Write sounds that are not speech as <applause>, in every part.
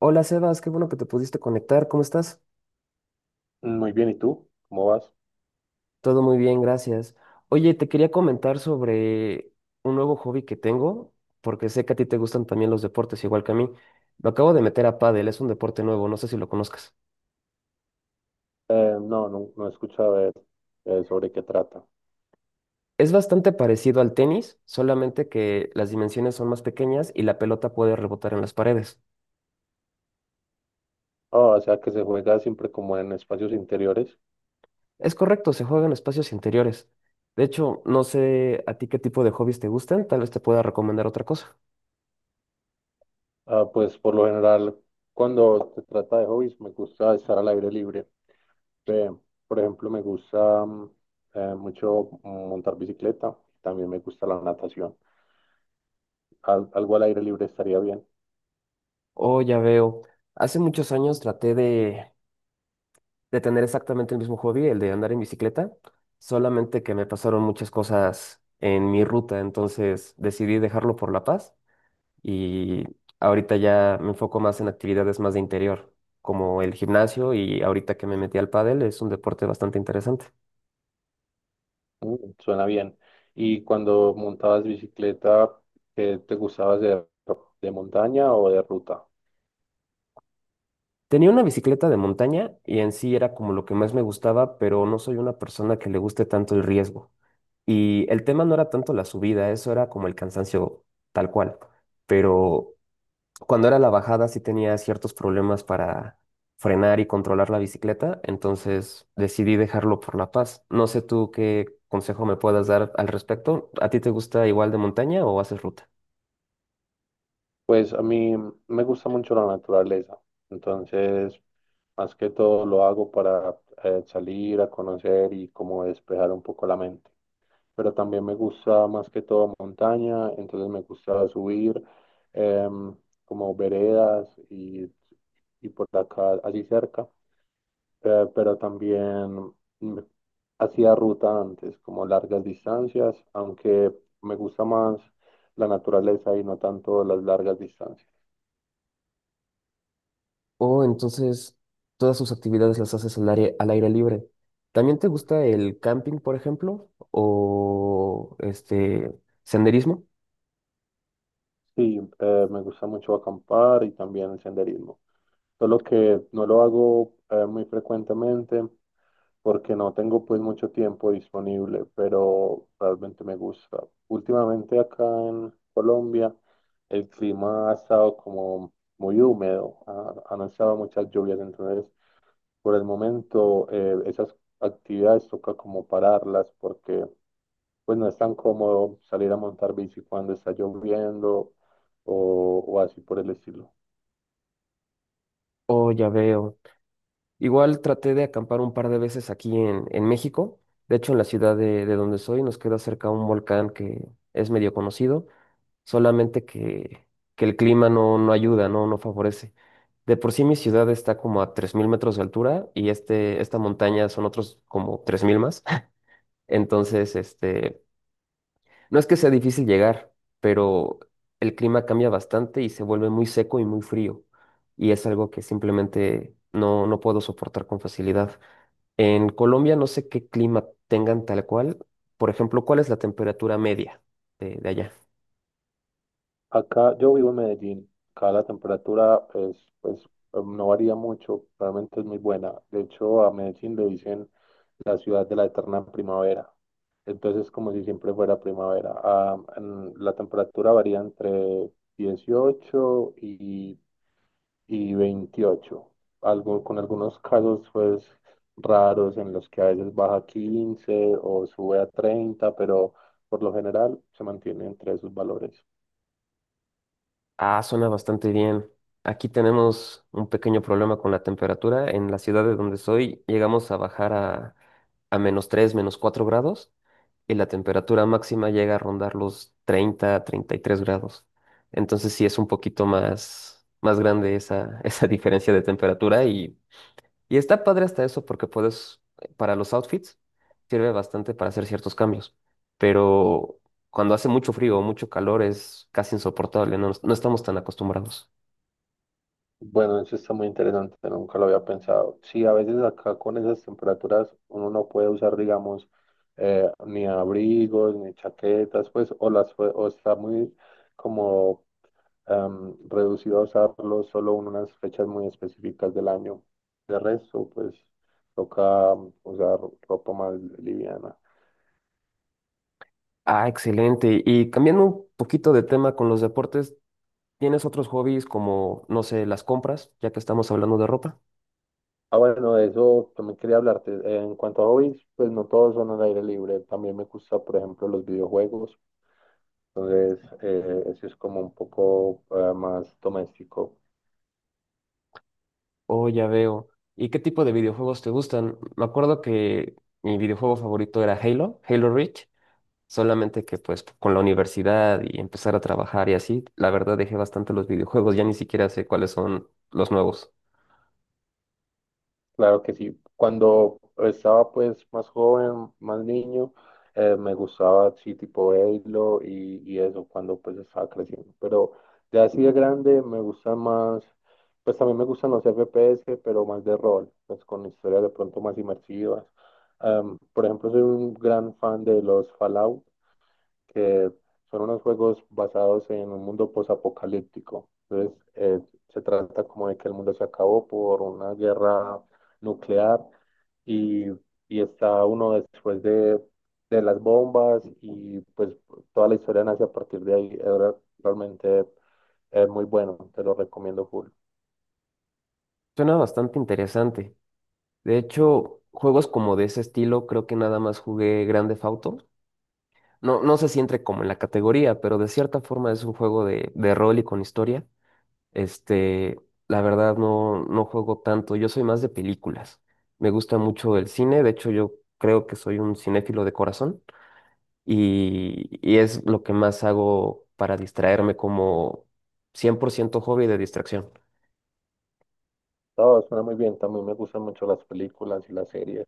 Hola Sebas, qué bueno que te pudiste conectar. ¿Cómo estás? Muy bien, ¿y tú? ¿Cómo vas? Todo muy bien, gracias. Oye, te quería comentar sobre un nuevo hobby que tengo, porque sé que a ti te gustan también los deportes, igual que a mí. Lo acabo de meter a pádel, es un deporte nuevo, no sé si lo conozcas. No, no, no he escuchado sobre qué trata. Es bastante parecido al tenis, solamente que las dimensiones son más pequeñas y la pelota puede rebotar en las paredes. Ah, o sea, que se juega siempre como en espacios interiores. Es correcto, se juega en espacios interiores. De hecho, no sé a ti qué tipo de hobbies te gustan, tal vez te pueda recomendar otra cosa. Ah, pues por lo general, cuando se trata de hobbies, me gusta estar al aire libre. Ve, por ejemplo, me gusta mucho montar bicicleta. También me gusta la natación. Algo al aire libre estaría bien. Oh, ya veo. Hace muchos años traté de tener exactamente el mismo hobby, el de andar en bicicleta, solamente que me pasaron muchas cosas en mi ruta, entonces decidí dejarlo por La Paz y ahorita ya me enfoco más en actividades más de interior, como el gimnasio y ahorita que me metí al pádel es un deporte bastante interesante. Suena bien. ¿Y cuando montabas bicicleta, qué te gustaba hacer? ¿De montaña o de ruta? Tenía una bicicleta de montaña y en sí era como lo que más me gustaba, pero no soy una persona que le guste tanto el riesgo. Y el tema no era tanto la subida, eso era como el cansancio tal cual. Pero cuando era la bajada sí tenía ciertos problemas para frenar y controlar la bicicleta, entonces decidí dejarlo por La Paz. No sé tú qué consejo me puedas dar al respecto. ¿A ti te gusta igual de montaña o haces ruta? Pues a mí me gusta mucho la naturaleza, entonces más que todo lo hago para salir a conocer y como despejar un poco la mente. Pero también me gusta más que todo montaña, entonces me gusta subir em, como veredas y por acá, así cerca. Pero también mm, hacía ruta antes, como largas distancias, aunque me gusta más la naturaleza y no tanto las largas distancias. Oh, entonces todas sus actividades las haces al aire libre. ¿También te gusta el camping, por ejemplo? ¿O este senderismo? Sí, me gusta mucho acampar y también el senderismo. Solo que no lo hago muy frecuentemente porque no tengo pues mucho tiempo disponible, pero realmente me gusta. Últimamente acá en Colombia el clima ha estado como muy húmedo, han estado muchas lluvias, entonces por el momento, esas actividades toca como pararlas porque pues no es tan cómodo salir a montar bici cuando está lloviendo o así por el estilo. Oh, ya veo. Igual traté de acampar un par de veces aquí en México. De hecho, en la ciudad de donde soy nos queda cerca un volcán que es medio conocido, solamente que el clima no, no ayuda, no, no favorece. De por sí mi ciudad está como a 3000 metros de altura y este, esta montaña son otros como 3000 más. <laughs> Entonces, este, no es que sea difícil llegar, pero el clima cambia bastante y se vuelve muy seco y muy frío. Y es algo que simplemente no, no puedo soportar con facilidad. En Colombia no sé qué clima tengan tal cual. Por ejemplo, ¿cuál es la temperatura media de allá? Acá yo vivo en Medellín, acá la temperatura es, pues no varía mucho, realmente es muy buena. De hecho, a Medellín le dicen la ciudad de la eterna primavera. Entonces, como si siempre fuera primavera. Ah, la temperatura varía entre 18 y 28 algo, con algunos casos pues raros en los que a veces baja a 15 o sube a 30, pero por lo general se mantiene entre esos valores. Ah, suena bastante bien. Aquí tenemos un pequeño problema con la temperatura. En la ciudad de donde soy llegamos a bajar a menos 3, menos 4 grados y la temperatura máxima llega a rondar los 30, 33 grados. Entonces sí es un poquito más, más grande esa, <laughs> esa diferencia de temperatura y está padre hasta eso porque puedes, para los outfits, sirve bastante para hacer ciertos cambios. Pero cuando hace mucho frío o mucho calor es casi insoportable, no, no estamos tan acostumbrados. Bueno, eso está muy interesante, nunca lo había pensado. Sí, a veces acá con esas temperaturas uno no puede usar, digamos, ni abrigos ni chaquetas, pues, o las, o está muy como reducido a usarlo solo en unas fechas muy específicas del año. De resto, pues toca usar ropa más liviana. Ah, excelente. Y cambiando un poquito de tema con los deportes, ¿tienes otros hobbies como, no sé, las compras, ya que estamos hablando de ropa? Ah, bueno, de eso también quería hablarte. En cuanto a hobbies, pues no todos son al aire libre. También me gusta, por ejemplo, los videojuegos. Entonces, eso es como un poco más doméstico. Oh, ya veo. ¿Y qué tipo de videojuegos te gustan? Me acuerdo que mi videojuego favorito era Halo, Halo Reach. Solamente que pues con la universidad y empezar a trabajar y así, la verdad dejé bastante los videojuegos, ya ni siquiera sé cuáles son los nuevos. Claro que sí. Cuando estaba pues más joven, más niño, me gustaba sí tipo Halo y eso cuando pues estaba creciendo. Pero ya así de grande me gusta más, pues también me gustan los FPS, pero más de rol, pues con historias de pronto más inmersivas. Por ejemplo, soy un gran fan de los Fallout, que son unos juegos basados en un mundo posapocalíptico. Entonces, se trata como de que el mundo se acabó por una guerra nuclear y, y está uno después de, las bombas y pues toda la historia nace a partir de ahí. Es realmente es muy bueno, te lo recomiendo full. Suena bastante interesante. De hecho, juegos como de ese estilo, creo que nada más jugué Grande Theft Auto. No, no sé si entre como en la categoría, pero de cierta forma es un juego de rol y con historia. Este, la verdad no, no juego tanto, yo soy más de películas. Me gusta mucho el cine, de hecho yo creo que soy un cinéfilo de corazón. Y, y es lo que más hago para distraerme como 100% hobby de distracción. Todo suena muy bien, también me gustan mucho las películas y las series.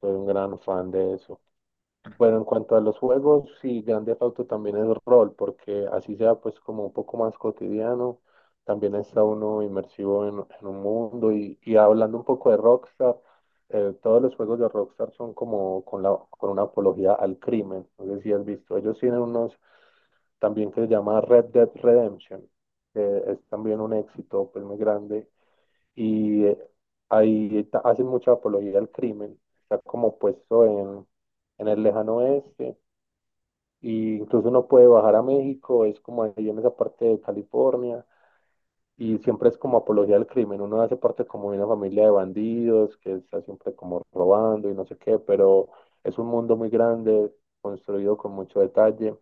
Soy un gran fan de eso. Bueno, en cuanto a los juegos, sí, Grand Theft Auto también es rol, porque así sea pues como un poco más cotidiano, también está uno inmersivo en un mundo y hablando un poco de Rockstar, todos los juegos de Rockstar son como con la, con una apología al crimen. No sé si has visto, ellos tienen unos también que se llama Red Dead Redemption, que es también un éxito pues muy grande y ahí hacen mucha apología al crimen. Está como puesto en el lejano oeste, y incluso uno puede bajar a México, es como ahí en esa parte de California, y siempre es como apología al crimen. Uno hace parte como de una familia de bandidos que está siempre como robando y no sé qué, pero es un mundo muy grande, construido con mucho detalle.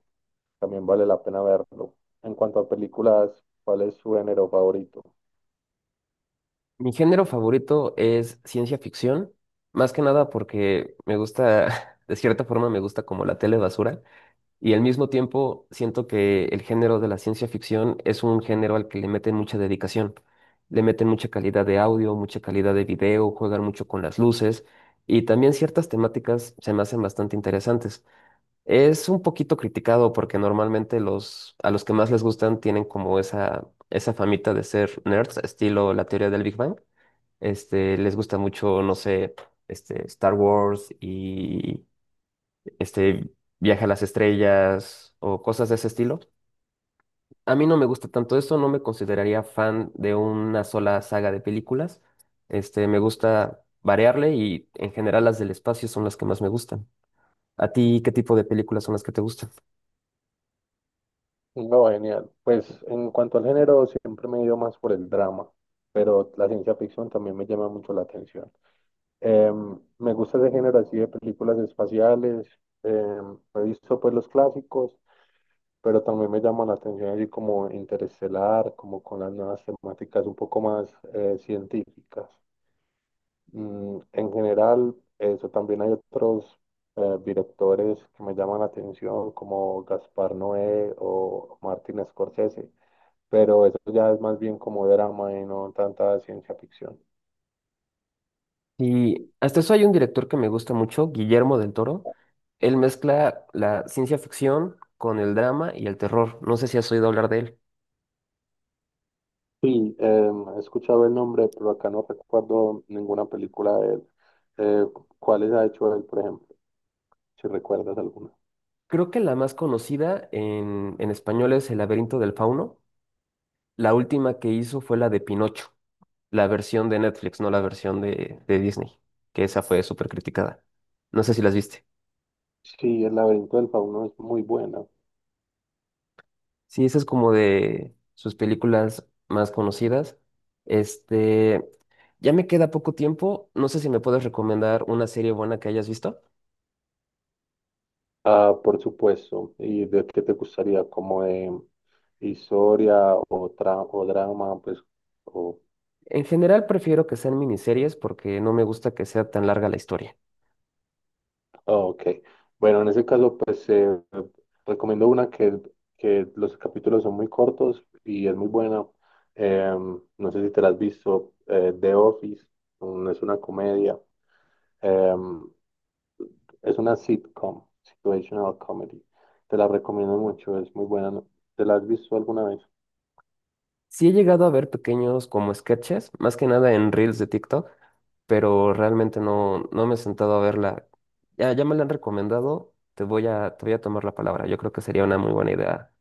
También vale la pena verlo. En cuanto a películas, ¿cuál es su género favorito? Mi género favorito es ciencia ficción, más que nada porque me gusta, <laughs> de cierta forma me gusta como la tele basura y al mismo tiempo siento que el género de la ciencia ficción es un género al que le meten mucha dedicación. Le meten mucha calidad de audio, mucha calidad de video, juegan mucho con las luces y también ciertas temáticas se me hacen bastante interesantes. Es un poquito criticado porque normalmente los, a los que más les gustan tienen como esa famita de ser nerds, estilo la teoría del Big Bang. Este, les gusta mucho, no sé, este, Star Wars y este, Viaje a las Estrellas o cosas de ese estilo. A mí no me gusta tanto eso, no me consideraría fan de una sola saga de películas. Este, me gusta variarle y en general las del espacio son las que más me gustan. ¿A ti qué tipo de películas son las que te gustan? No, genial. Pues en cuanto al género, siempre me he ido más por el drama, pero la ciencia ficción también me llama mucho la atención. Me gusta ese género así de películas espaciales, he visto pues los clásicos, pero también me llama la atención así como Interestelar, como con las nuevas temáticas un poco más científicas. En general, eso también hay otros directores que me llaman la atención, como Gaspar Noé o Martin Scorsese, pero eso ya es más bien como drama y no tanta ciencia ficción. Y hasta eso hay un director que me gusta mucho, Guillermo del Toro. Él mezcla la ciencia ficción con el drama y el terror. No sé si has oído hablar de él. Sí, he escuchado el nombre, pero acá no recuerdo ninguna película de él. Eh, ¿Cuáles ha hecho él, por ejemplo? Si recuerdas alguna. Creo que la más conocida en español es El laberinto del fauno. La última que hizo fue la de Pinocho, la versión de Netflix, no la versión de Disney, que esa fue súper criticada. No sé si las viste. Sí, El laberinto del fauno es muy buena. Sí, esa es como de sus películas más conocidas. Este, ya me queda poco tiempo. No sé si me puedes recomendar una serie buena que hayas visto. Ah, por supuesto. ¿Y de qué te gustaría? ¿Como de historia o, o drama? Pues, o. En general prefiero que sean miniseries porque no me gusta que sea tan larga la historia. Ok, bueno, en ese caso, pues recomiendo una que, los capítulos son muy cortos y es muy buena. No sé si te la has visto, The Office. Es una comedia. Em, es una sitcom, situational comedy. Te la recomiendo mucho, es muy buena, ¿no? ¿Te la has visto alguna vez? Sí he llegado a ver pequeños como sketches, más que nada en reels de TikTok, pero realmente no, no me he sentado a verla. Ya, ya me la han recomendado. Te voy a tomar la palabra. Yo creo que sería una muy buena idea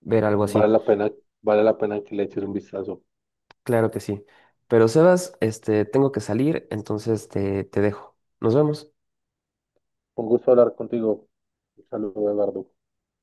ver algo así. Vale la pena, vale la pena que le eches un vistazo. Claro que sí. Pero Sebas, este, tengo que salir, entonces te dejo. Nos vemos. Un gusto hablar contigo. Un saludo, Eduardo.